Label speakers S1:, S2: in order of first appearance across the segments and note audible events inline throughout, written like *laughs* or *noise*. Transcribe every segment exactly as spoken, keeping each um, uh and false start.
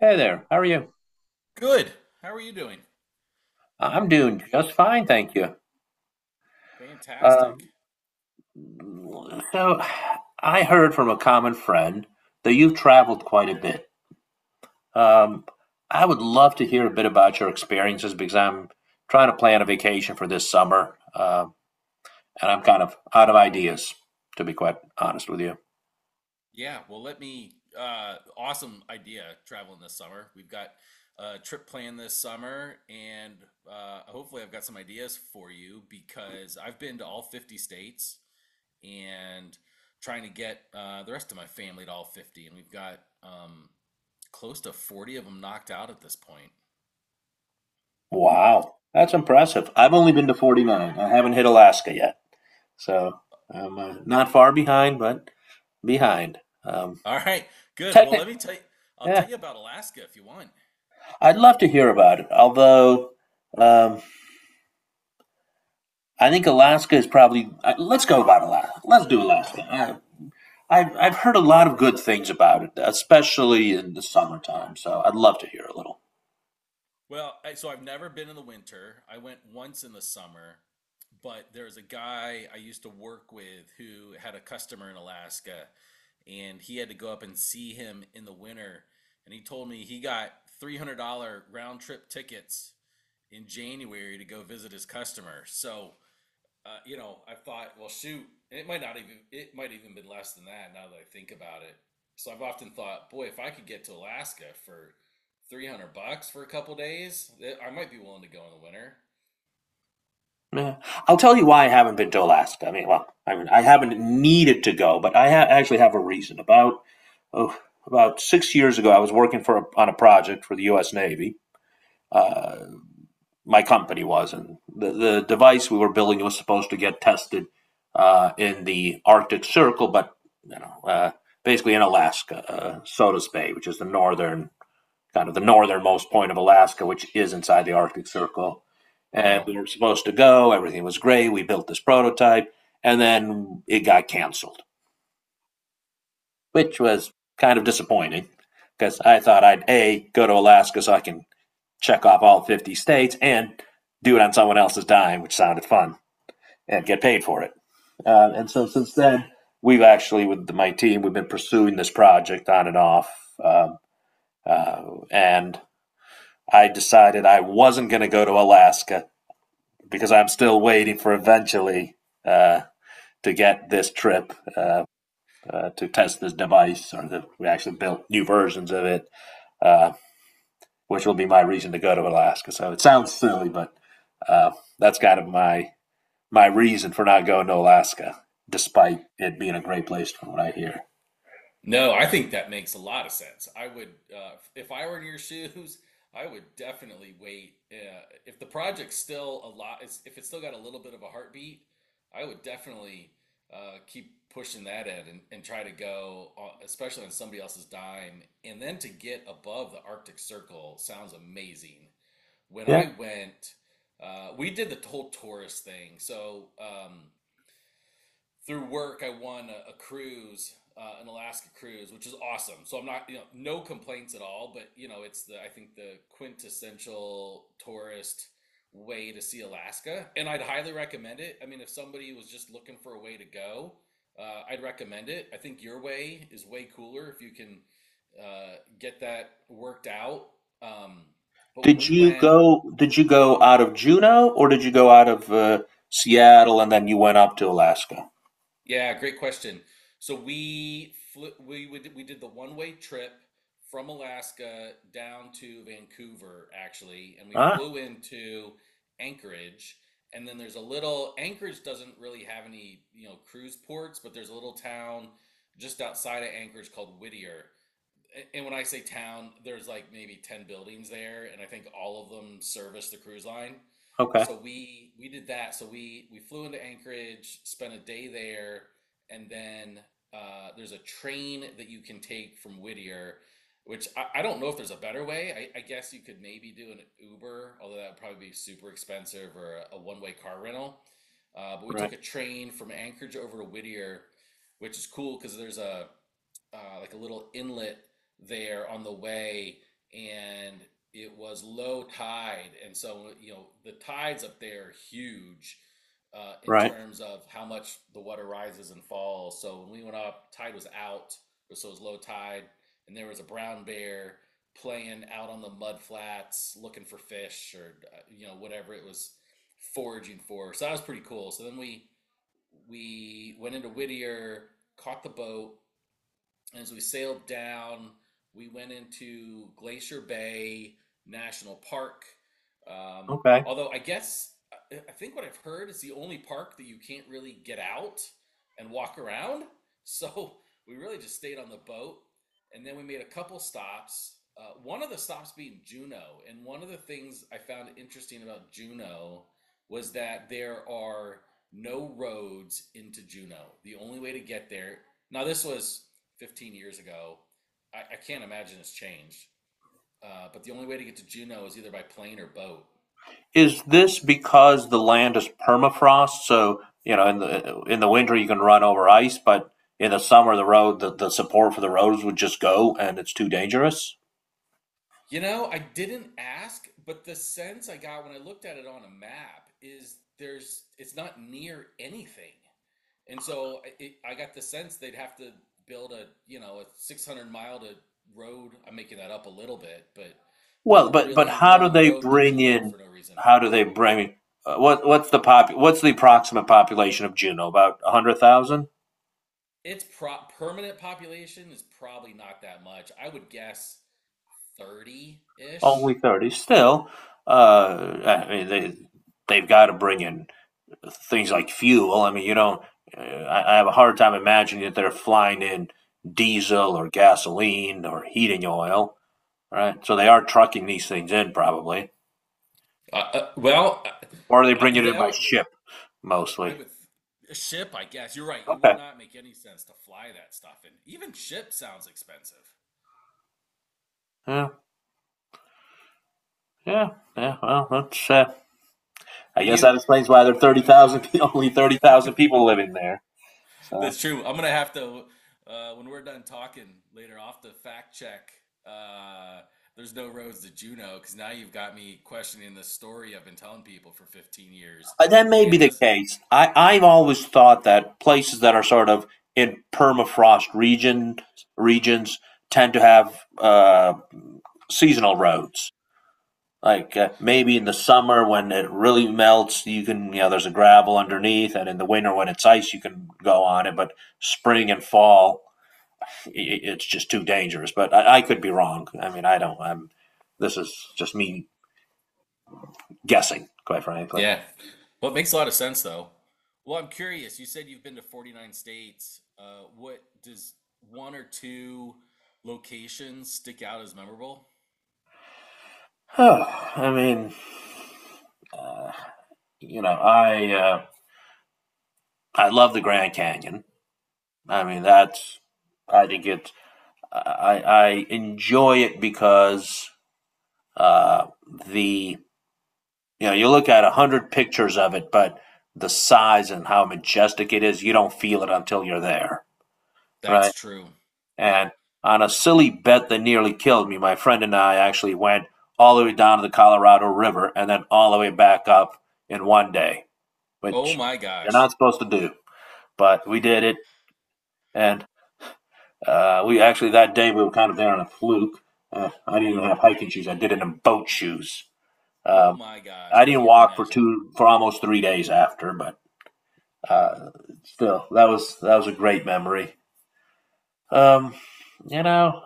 S1: Hey there, how are you?
S2: Good. How are you doing?
S1: I'm doing just fine, thank you.
S2: Fantastic.
S1: Um, so, I heard from a common friend that you've traveled quite a bit. Um, I would love to hear a bit about your experiences because I'm trying to plan a vacation for this summer, um, and I'm kind of out of ideas, to be quite honest with you.
S2: Yeah, well, let me uh awesome idea traveling this summer. We've got a trip planned this summer, and uh hopefully I've got some ideas for you because I've been to all fifty states and trying to get uh the rest of my family to all fifty, and we've got um close to forty of them knocked out at this point.
S1: Wow, that's impressive. I've only been to forty-nine. I haven't hit Alaska yet, so I'm uh, not far behind, but behind. Um,
S2: All right. Good. Well,
S1: technically,
S2: let me tell you, I'll tell you about Alaska if you want.
S1: I'd love to hear about it. Although um, I think Alaska is probably uh, let's go about Alaska. Let's do Alaska. I, I've I've heard a lot of good things about it, especially in the summertime. So I'd love to hear a little.
S2: Well, I, so I've never been in the winter. I went once in the summer, but there's a guy I used to work with who had a customer in Alaska, and he had to go up and see him in the winter. And he told me he got three hundred dollars round trip tickets in January to go visit his customer. So uh, you know, I thought, well, shoot, it might not even, it might even been less than that now that I think about it. So I've often thought, boy, if I could get to Alaska for three hundred bucks for a couple days, I might be willing to go in the winter.
S1: Yeah. I'll tell you why I haven't been to Alaska. I mean, well, I mean, I haven't needed to go, but I ha- actually have a reason. About oh, about six years ago, I was working for a, on a project for the U S. Navy. Uh, my company was and The, the device we were building was supposed to get tested uh, in the Arctic Circle, but you know, uh, basically in Alaska, uh, Sodas Bay, which is the northern kind of the northernmost point of Alaska, which is inside the Arctic Circle. And we
S2: Wow.
S1: were supposed to go. Everything was great. We built this prototype, and then it got canceled, which was kind of disappointing because I thought I'd a go to Alaska so I can check off all fifty states and do it on someone else's dime, which sounded fun, and get paid for it. Uh, and so since then, we've actually, with the, my team, we've been pursuing this project on and off. Um, uh, and I decided I wasn't going to go to Alaska because I'm still waiting for eventually uh, to get this trip uh, uh, to test this device, or the, we actually built new versions of it, uh, which will be my reason to go to Alaska. So it sounds silly, but uh, that's kind of my my reason for not going to Alaska, despite it being a great place from what I hear.
S2: No, I think that makes a lot of sense. I would, uh, if I were in your *laughs* shoes, I would definitely wait. Uh, if the project's still a lot, If it's still got a little bit of a heartbeat, I would definitely uh, keep pushing that in, and, and try to go, on, especially on somebody else's dime. And then to get above the Arctic Circle sounds amazing. When
S1: Yeah.
S2: I went, uh, we did the whole tourist thing. So, um, through work, I won a, a cruise, uh, an Alaska cruise, which is awesome. So I'm not, you know, no complaints at all. But you know, it's the I think the quintessential tourist way to see Alaska, and I'd highly recommend it. I mean, if somebody was just looking for a way to go, uh, I'd recommend it. I think your way is way cooler if you can uh, get that worked out. Um, but when
S1: Did
S2: we
S1: you
S2: went,
S1: go? Did you go out of Juneau, or did you go out of uh, Seattle and then you went up to Alaska?
S2: yeah, great question. So we flew, we would we did the one-way trip from Alaska down to Vancouver actually, and we
S1: Ah,
S2: flew into Anchorage. And then there's a little Anchorage doesn't really have any, you know, cruise ports, but there's a little town just outside of Anchorage called Whittier. And when I say town, there's like maybe ten buildings there, and I think all of them service the cruise line.
S1: okay,
S2: So we we did that. So we we flew into Anchorage, spent a day there, and then uh, there's a train that you can take from Whittier, which I, I don't know if there's a better way. I, I guess you could maybe do an Uber, although that would probably be super expensive, or a, a one-way car rental. Uh, but we
S1: right,
S2: took a train from Anchorage over to Whittier, which is cool because there's a uh, like a little inlet there on the way, and it was low tide, and so you know the tides up there are huge uh, in
S1: right,
S2: terms of how much the water rises and falls. So when we went up, tide was out, so it was low tide, and there was a brown bear playing out on the mud flats, looking for fish or uh, you know whatever it was foraging for. So that was pretty cool. So then we we went into Whittier, caught the boat, and as we sailed down, we went into Glacier Bay National Park. Um,
S1: okay.
S2: although I guess I think what I've heard is the only park that you can't really get out and walk around. *laughs* So we really just stayed on the boat, and then we made a couple stops. Uh, one of the stops being Juneau, and one of the things I found interesting about Juneau was that there are no roads into Juneau. The only way to get there. Now this was fifteen years ago. I, I can't imagine it's changed. Uh, but the only way to get to Juneau is either by plane or boat.
S1: Is this because the land is permafrost? So you know, in the in the winter you can run over ice, but in the summer the road the, the support for the roads would just go and it's too dangerous.
S2: You know, I didn't ask, but the sense I got when I looked at it on a map is there's it's not near anything, and so I- it, I got the sense they'd have to build a you know a six hundred mile to road. I'm making that up a little bit, but build
S1: Well,
S2: a
S1: but but
S2: really
S1: how do
S2: long
S1: they
S2: road to
S1: bring
S2: Juneau
S1: in?
S2: for no reason.
S1: How do they bring? Uh, what what's the pop? What's the approximate population of Juneau? About a hundred thousand?
S2: Its pro- permanent population is probably not that much. I would guess thirty-ish.
S1: Only thirty. Still, uh, I mean they they've got to bring in things like fuel. I mean you don't. Uh, I, I have a hard time imagining that they're flying in diesel or gasoline or heating oil. Right. So they are trucking these things in probably,
S2: Uh, uh, well,
S1: or are they
S2: I, I-
S1: bringing it in
S2: that
S1: by
S2: would,
S1: ship
S2: I
S1: mostly?
S2: would a ship, I guess. You're right. It would
S1: Okay.
S2: not make any sense to fly that stuff, and even ship sounds expensive.
S1: Yeah. Yeah.
S2: Yeah.
S1: Yeah. Well,
S2: So,
S1: that's. Uh, I
S2: well,
S1: guess
S2: you.
S1: that explains why there are thirty thousand, *laughs* only thirty thousand people living
S2: *laughs*
S1: there. So
S2: That's true. I'm gonna have to uh, when we're done talking later off the fact check. Uh, there's no roads to Juno because now you've got me questioning the story I've been telling people for fifteen years,
S1: uh, that may be
S2: and
S1: the
S2: as
S1: case. I, I've always thought that places that are sort of in permafrost region regions tend to have uh, seasonal roads. Like uh, maybe in the summer when it really melts, you can you know there's a gravel underneath, and in the winter when it's ice, you can go on it. But spring and fall, it's just too dangerous. But I, I could be wrong. I mean, I don't. I'm. This is just me guessing, quite frankly.
S2: yeah. Well, it makes a lot of sense though. Well, I'm curious. You said you've been to forty-nine states. Uh, what does one or two locations stick out as memorable?
S1: Oh, I mean, you know, I uh, I love the Grand Canyon. I mean, that's I think it. I I enjoy it because uh, the you know you look at a hundred pictures of it, but the size and how majestic it is, you don't feel it until you're there, right?
S2: That's true. Yep.
S1: And on a silly bet that nearly killed me, my friend and I actually went all the way down to the Colorado River and then all the way back up in one day,
S2: Oh
S1: which
S2: my
S1: you're not
S2: gosh.
S1: supposed to do. But we did it, and uh, we actually that day we were kind of there on a fluke. Uh, I didn't even have hiking shoes; I did it in boat shoes.
S2: Oh
S1: Um,
S2: my gosh.
S1: I
S2: I
S1: didn't
S2: can't
S1: walk for
S2: imagine.
S1: two for almost three days after, but uh, still, that was that was a great memory. Um, you know,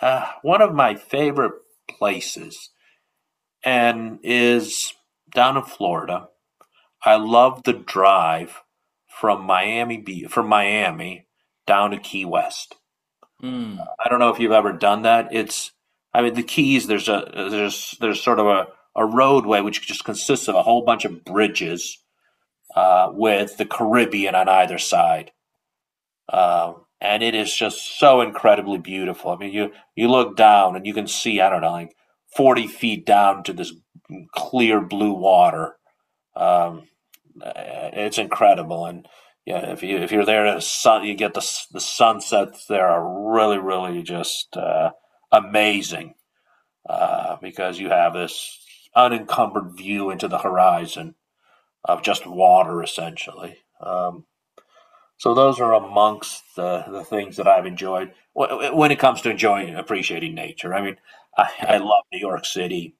S1: uh, one of my favorite places and is down in Florida. I love the drive from Miami from Miami down to Key West.
S2: Mm.
S1: I don't know if you've ever done that. It's, I mean, the Keys. There's a there's there's sort of a a roadway which just consists of a whole bunch of bridges uh, with the Caribbean on either side, um, and it is just so incredibly beautiful. I mean, you you look down and you can see I don't know like forty feet down to this clear blue water. Um, uh, It's incredible, and yeah, if you if you're there, at sun, you get the the sunsets there are really really just uh, amazing uh, because you have this unencumbered view into the horizon of just water essentially. Um, so those are amongst the, the things that I've enjoyed when it comes to enjoying and appreciating nature. I mean, I, I
S2: Yep.
S1: love New York City.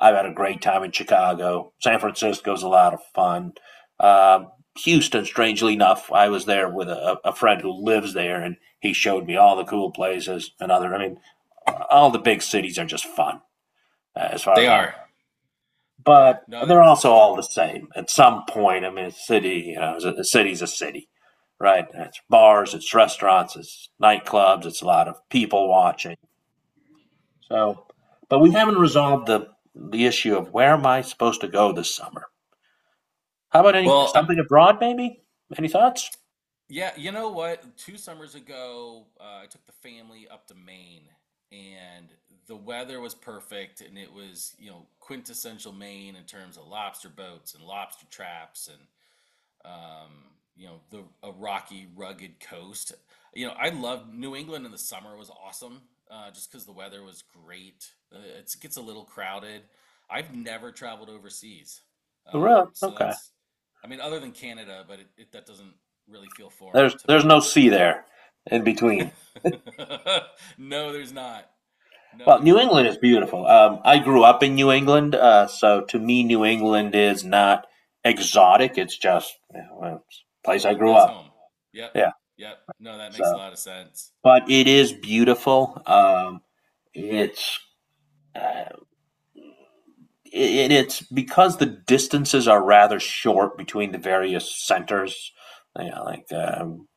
S1: I've had a great time in Chicago. San Francisco's a lot of fun. Um, Houston, strangely enough, I was there with a, a friend who lives there, and he showed me all the cool places and other. I mean, all the big cities are just fun, uh, as far
S2: They
S1: as I'm
S2: are. Yeah.
S1: but
S2: No, that,
S1: they're also
S2: that's true.
S1: all the same at some point. I mean, a city, you know, is a city's a city, right? It's bars, it's restaurants, it's nightclubs, it's a lot of people watching. So, but we haven't resolved the the issue of where am I supposed to go this summer? How about any
S2: Well, I,
S1: something abroad, maybe? Any thoughts?
S2: Yeah, you know what? Two summers ago, uh, I took the family up to Maine, and the weather was perfect, and it was, you know, quintessential Maine in terms of lobster boats and lobster traps, and um, you know, the a rocky, rugged coast. You know, I loved New England in the summer was awesome, uh, just because the weather was great. Uh, it's, it gets a little crowded. I've never traveled overseas,
S1: Really?
S2: um, so
S1: Okay.
S2: that's, I mean, other than Canada, but it, it that doesn't really feel foreign
S1: There's
S2: to
S1: there's
S2: me.
S1: no sea there in between.
S2: *laughs* No, there's not. No,
S1: Well,
S2: there's
S1: New England
S2: not.
S1: is beautiful. Um, I grew up in New England, uh, so to me, New England is not exotic. It's just you know, well, it's a place I grew
S2: It's
S1: up.
S2: home. Yep.
S1: Yeah.
S2: Yep. No, that makes a
S1: So,
S2: lot of sense.
S1: but it is beautiful. Um, it's uh, it, it's because the distances are rather short between the various centers. You know, like um,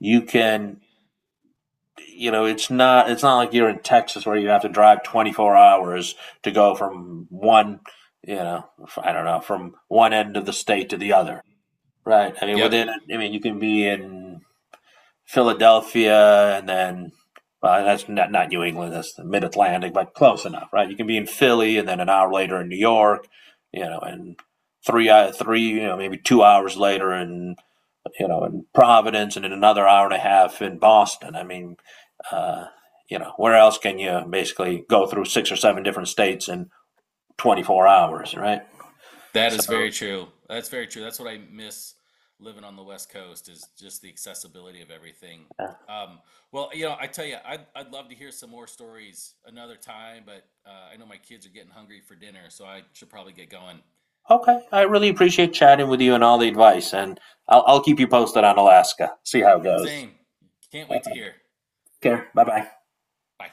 S1: you can you know, it's not it's not like you're in Texas where you have to drive twenty-four hours to go from one, you know, I don't know, from one end of the state to the other, right? I mean,
S2: Yep.
S1: within, I mean, you can be in Philadelphia and then, well, that's not not New England, that's the Mid Atlantic, but close enough, right? You can be in Philly and then an hour later in New York, you know, and three uh, three, you know, maybe two hours later in you know, in Providence and in another hour and a half in Boston. I mean, uh, you know, where else can you basically go through six or seven different states in twenty-four hours, right?
S2: That is
S1: So,
S2: very true. That's very true. That's what I miss living on the West Coast is just the accessibility of everything.
S1: yeah.
S2: Um, well, you know, I tell you, I'd, I'd love to hear some more stories another time, but uh, I know my kids are getting hungry for dinner, so I should probably get going.
S1: Okay, I really appreciate chatting with you and all the advice, and I'll, I'll keep you posted on Alaska. See how it goes.
S2: Same. Can't wait to hear.
S1: Take care. Bye bye.
S2: Bye.